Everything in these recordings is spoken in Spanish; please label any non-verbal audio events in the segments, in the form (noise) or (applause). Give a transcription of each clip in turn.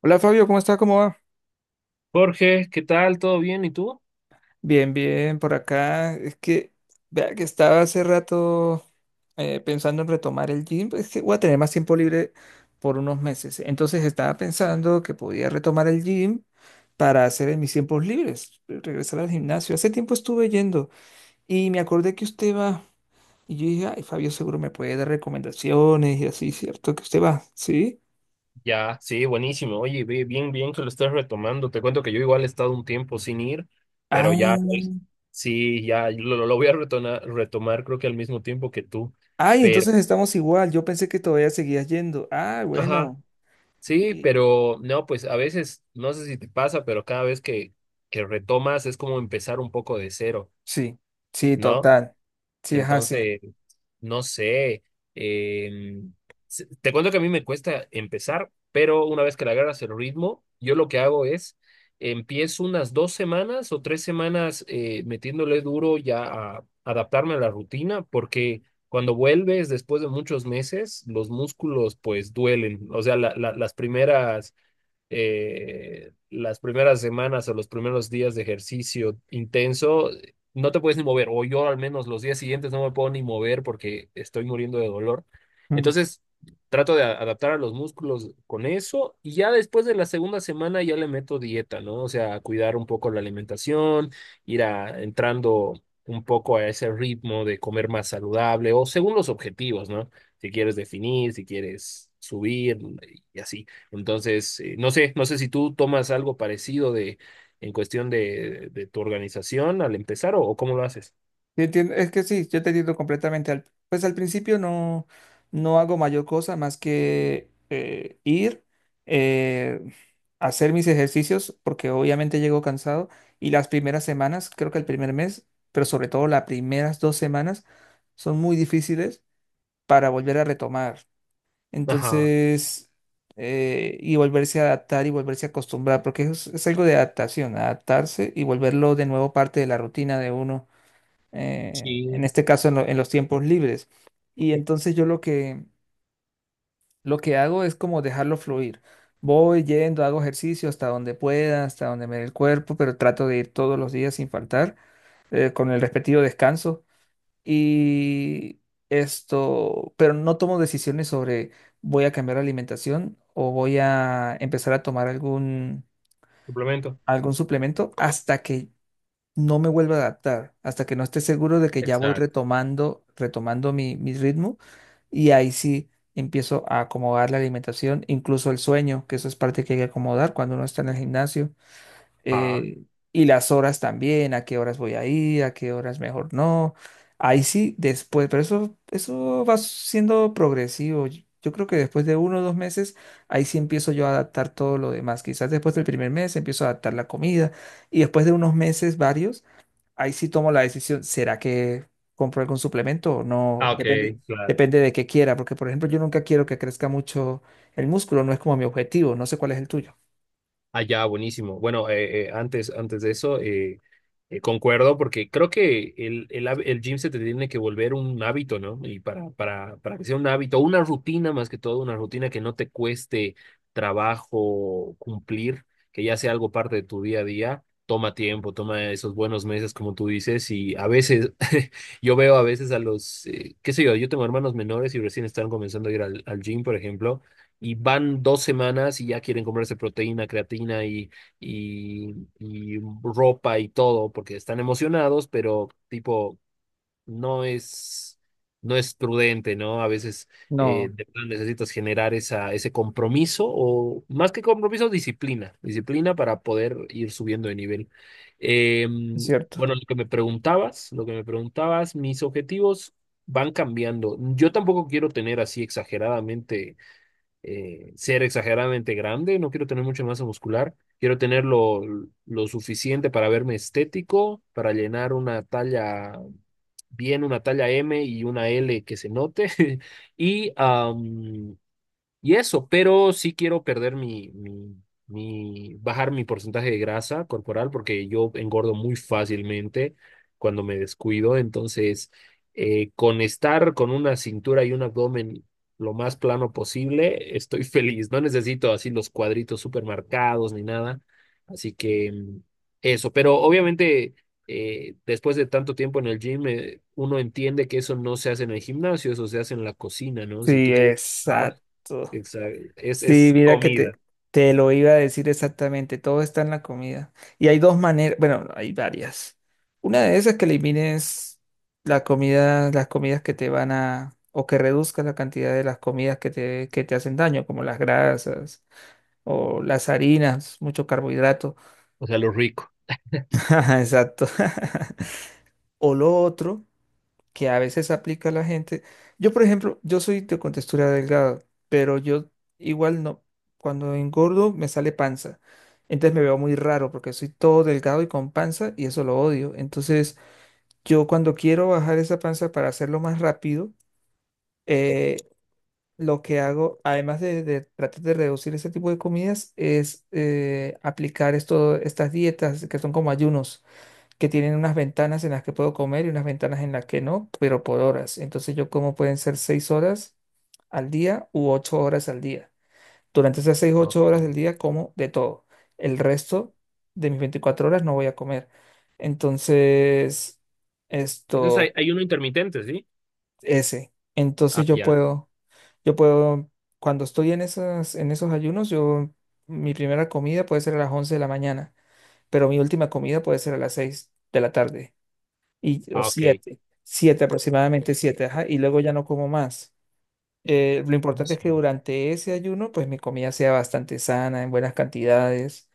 Hola Fabio, ¿cómo está? ¿Cómo va? Jorge, ¿qué tal? ¿Todo bien? ¿Y tú? Bien, bien, por acá. Es que, vea que estaba hace rato pensando en retomar el gym. Es que voy a tener más tiempo libre por unos meses. Entonces estaba pensando que podía retomar el gym para hacer en mis tiempos libres, regresar al gimnasio. Hace tiempo estuve yendo y me acordé que usted va. Y yo dije, ay, Fabio seguro me puede dar recomendaciones y así, ¿cierto? Que usted va, ¿sí? Ya, sí, buenísimo. Oye, bien, bien que lo estés retomando. Te cuento que yo igual he estado un tiempo sin ir, pero Ah, ya, pues, sí, ya lo voy a retomar, creo que al mismo tiempo que tú. ay, Pero, entonces estamos igual. Yo pensé que todavía seguías yendo. Ah, ajá, bueno. sí, Y- pero no, pues a veces, no sé si te pasa, pero cada vez que retomas es como empezar un poco de cero, Sí, sí, ¿no? total. Sí, es así. Entonces, no sé. em, Te cuento que a mí me cuesta empezar, pero una vez que le agarras el ritmo, yo lo que hago es empiezo unas 2 semanas o 3 semanas metiéndole duro ya a adaptarme a la rutina, porque cuando vuelves después de muchos meses, los músculos pues duelen. O sea, las primeras semanas o los primeros días de ejercicio intenso, no te puedes ni mover, o yo al menos los días siguientes no me puedo ni mover porque estoy muriendo de dolor. Mm. Entonces, trato de adaptar a los músculos con eso y ya después de la segunda semana ya le meto dieta, ¿no? O sea, cuidar un poco la alimentación, ir a, entrando un poco a ese ritmo de comer más saludable o según los objetivos, ¿no? Si quieres definir, si quieres subir y así. Entonces, no sé, no sé si tú tomas algo parecido de en cuestión de tu organización al empezar o cómo lo haces. Es que sí, yo te entiendo completamente. Pues al principio no, no hago mayor cosa más que ir, eh, hacer mis ejercicios, porque obviamente llego cansado. Y las primeras semanas, creo que el primer mes, pero sobre todo las primeras 2 semanas, son muy difíciles para volver a retomar. Ajá, Entonces, y volverse a adaptar y volverse a acostumbrar, porque es algo de adaptación, adaptarse y volverlo de nuevo parte de la rutina de uno, en sí, este caso en los tiempos libres. Y entonces yo lo que hago es como dejarlo fluir. Voy yendo, hago ejercicio hasta donde pueda, hasta donde me dé el cuerpo, pero trato de ir todos los días sin faltar, con el respectivo descanso. Y esto, pero no tomo decisiones sobre voy a cambiar la alimentación o voy a empezar a tomar algún, suplemento. algún suplemento hasta que no me vuelva a adaptar, hasta que no esté seguro de que ya voy Exacto. retomando, retomando mi ritmo y ahí sí empiezo a acomodar la alimentación, incluso el sueño, que eso es parte que hay que acomodar cuando uno está en el gimnasio Ah, eh, y las horas también, a qué horas voy a ir, a qué horas mejor no. Ahí sí, después, pero eso va siendo progresivo. Yo creo que después de 1 o 2 meses, ahí sí empiezo yo a adaptar todo lo demás. Quizás después del primer mes empiezo a adaptar la comida y después de unos meses, varios, ahí sí tomo la decisión, ¿será que compro algún suplemento o no? Ah, ok, Depende, claro. depende de qué quiera, porque por ejemplo, yo nunca quiero que crezca mucho el músculo, no es como mi objetivo, no sé cuál es el tuyo. Allá, buenísimo. Bueno, antes de eso, concuerdo porque creo que el gym se te tiene que volver un hábito, ¿no? Y para que sea un hábito, una rutina más que todo, una rutina que no te cueste trabajo cumplir, que ya sea algo parte de tu día a día, toma tiempo, toma esos buenos meses, como tú dices, y a veces, (laughs) yo veo a veces a los, qué sé yo, yo tengo hermanos menores y recién están comenzando a ir al, al gym, por ejemplo y van 2 semanas y ya quieren comerse proteína, creatina y, y ropa y todo, porque están emocionados, pero tipo, no es, no es prudente, ¿no? A veces No, de plan necesitas generar esa, ese compromiso o más que compromiso, disciplina, disciplina para poder ir subiendo de nivel. Eh, es cierto. bueno, lo que me preguntabas, mis objetivos van cambiando. Yo tampoco quiero tener así exageradamente ser exageradamente grande, no quiero tener mucha masa muscular, quiero tener lo suficiente para verme estético, para llenar una talla bien, una talla M y una L que se note, (laughs) y, y eso, pero sí quiero perder bajar mi porcentaje de grasa corporal porque yo engordo muy fácilmente cuando me descuido. Entonces, con estar con una cintura y un abdomen lo más plano posible, estoy (laughs) feliz. No necesito así los cuadritos súper marcados ni nada. Así que eso, pero obviamente después de tanto tiempo en el gym, uno entiende que eso no se hace en el gimnasio, eso se hace en la cocina, ¿no? Si Sí, tú quieres... exacto. Exacto. Es, Sí, es mira que te, comida. te lo iba a decir exactamente. Todo está en la comida. Y hay dos maneras, bueno, hay varias. Una de esas es que elimines la comida, las comidas que te van a, o que reduzcas la cantidad de las comidas que te hacen daño, como las grasas o las harinas, mucho carbohidrato. O sea, lo rico. (laughs) Exacto. (laughs) O lo otro que a veces aplica la gente. Yo, por ejemplo, yo soy de contextura delgada, pero yo igual no. Cuando engordo me sale panza. Entonces me veo muy raro porque soy todo delgado y con panza y eso lo odio. Entonces yo cuando quiero bajar esa panza para hacerlo más rápido, eh, lo que hago, además de tratar de reducir ese tipo de comidas, es aplicar estas dietas que son como ayunos que tienen unas ventanas en las que puedo comer y unas ventanas en las que no, pero por horas. Entonces yo como pueden ser 6 horas al día u 8 horas al día. Durante esas seis, o ocho Ok. horas del día como de todo. El resto de mis 24 horas no voy a comer. Entonces, Entonces hay, esto, hay uno intermitente, ¿sí? ese. Ah, Entonces yo ya. puedo, yo puedo, cuando estoy en esas, en esos ayunos, mi primera comida puede ser a las 11 de la mañana, pero mi última comida puede ser a las 6 de la tarde y, o Ah, ok. 7, 7 aproximadamente 7, ajá, y luego ya no como más. Lo importante Sí. es que durante ese ayuno, pues mi comida sea bastante sana, en buenas cantidades,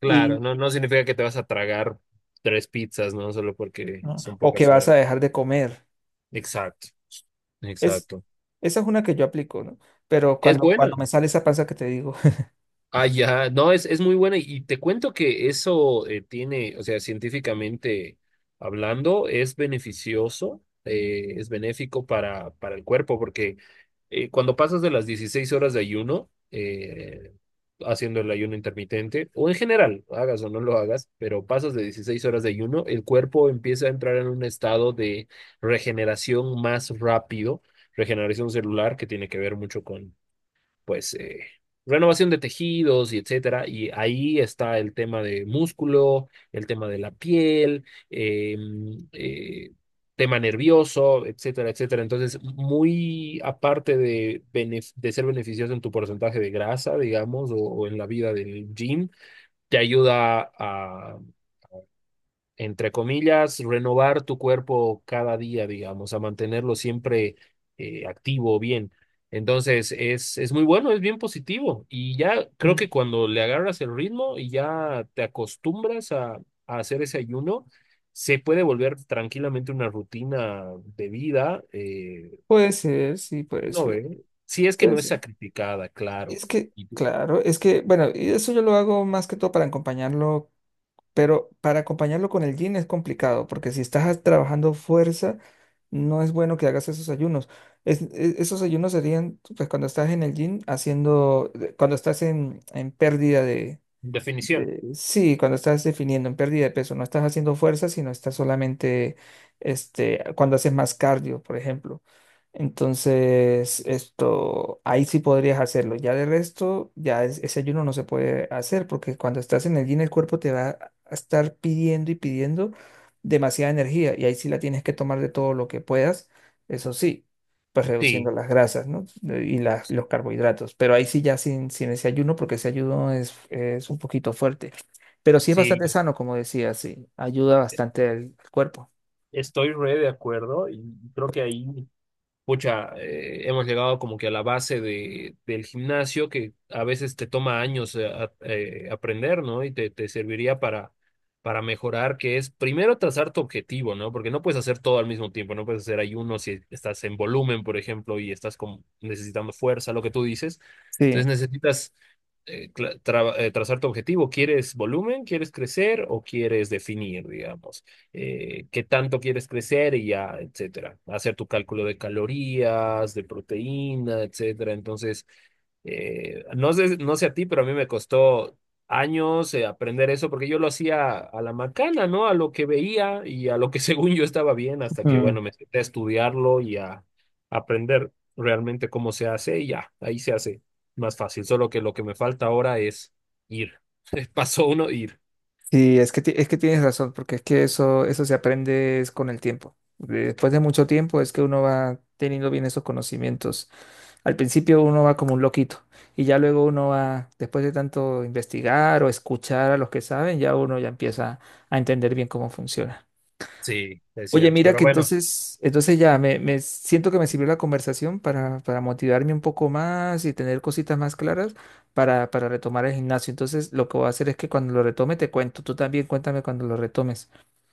Claro, y, no, no significa que te vas a tragar tres pizzas, ¿no? Solo porque ¿no? son O que pocas vas horas. a dejar de comer. Exacto, Es, exacto. Esa es una que yo aplico, ¿no? Pero Es cuando buena. me sale esa panza que te digo, (laughs) Ah, ya, no, es muy buena y te cuento que eso tiene, o sea, científicamente hablando, es beneficioso, es benéfico para el cuerpo, porque cuando pasas de las 16 horas de ayuno, haciendo el ayuno intermitente, o en general, hagas o no lo hagas, pero pasas de 16 horas de ayuno, el cuerpo empieza a entrar en un estado de regeneración más rápido, regeneración celular, que tiene que ver mucho con pues, renovación de tejidos y etcétera. Y ahí está el tema de músculo, el tema de la piel, eh, eh, tema nervioso, etcétera, etcétera. Entonces, muy aparte de ser beneficioso en tu porcentaje de grasa, digamos, o en la vida del gym, te ayuda a entre comillas, renovar tu cuerpo cada día, digamos, a mantenerlo siempre activo, bien. Entonces, es muy bueno, es bien positivo. Y ya creo Mm. que cuando le agarras el ritmo y ya te acostumbras a hacer ese ayuno, se puede volver tranquilamente una rutina de vida. Puede ser, sí, puede No ser, ve, si es que puede no es ser. sacrificada, claro. Es que, Y claro, es que, bueno, y eso yo lo hago más que todo para acompañarlo. Pero para acompañarlo con el gin es complicado, porque si estás trabajando fuerza, no es bueno que hagas esos ayunos. Esos ayunos serían, pues, cuando estás en el gym haciendo, cuando estás en pérdida Definición. Sí, cuando estás definiendo en pérdida de peso, no estás haciendo fuerza, sino estás solamente, cuando haces más cardio, por ejemplo. Entonces, ahí sí podrías hacerlo. Ya de resto, ya ese ayuno no se puede hacer porque cuando estás en el gym, el cuerpo te va a estar pidiendo y pidiendo demasiada energía y ahí sí la tienes que tomar de todo lo que puedas, eso sí pues reduciendo Sí, las grasas, ¿no? Y las, los carbohidratos. Pero ahí sí ya sin ese ayuno, porque ese ayuno es un poquito fuerte. Pero sí es bastante sí, sano, como decía, sí. Ayuda bastante al cuerpo. estoy re de acuerdo y creo que ahí pucha, hemos llegado como que a la base de, del gimnasio que a veces te toma años aprender, ¿no? Y te serviría para mejorar, que es primero trazar tu objetivo, ¿no? Porque no puedes hacer todo al mismo tiempo, no puedes hacer ayuno si estás en volumen, por ejemplo, y estás como necesitando fuerza, lo que tú dices. Entonces Sí, necesitas trazar tu objetivo. ¿Quieres volumen? ¿Quieres crecer? ¿O quieres definir, digamos? ¿Qué tanto quieres crecer y ya, etcétera? Hacer tu cálculo de calorías, de proteína, etcétera. Entonces, no sé a ti, pero a mí me costó años aprender eso porque yo lo hacía a la macana, ¿no? A lo que veía y a lo que (laughs) según yo estaba bien, hasta que, Mm, bueno, me senté a estudiarlo y a aprender realmente cómo se hace y ya, ahí se hace más fácil. Solo que lo que me falta ahora es ir. (laughs) Pasó uno, ir. sí, es que tienes razón, porque es que eso se aprende es con el tiempo. Después de mucho tiempo es que uno va teniendo bien esos conocimientos. Al principio uno va como un loquito y ya luego uno va, después de tanto investigar o escuchar a los que saben, ya uno ya empieza a entender bien cómo funciona. Sí, es Oye, cierto. mira Pero que bueno. entonces ya me siento que me sirvió la conversación para motivarme un poco más y tener cositas más claras para retomar el gimnasio. Entonces, lo que voy a hacer es que cuando lo retome te cuento. Tú también cuéntame cuando lo retomes.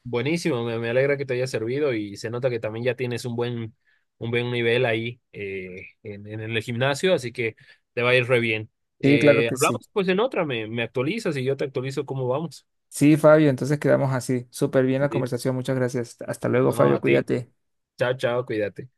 Buenísimo, me alegra que te haya servido y se nota que también ya tienes un buen nivel ahí en el gimnasio, así que te va a ir re bien. Sí, claro que sí. Hablamos pues en otra, me actualizas y yo te actualizo cómo vamos. Sí, Fabio, entonces quedamos así. Súper bien la Listo. conversación. Muchas gracias. Hasta luego, No, Fabio. a ti. Cuídate. Chao, chao, cuídate.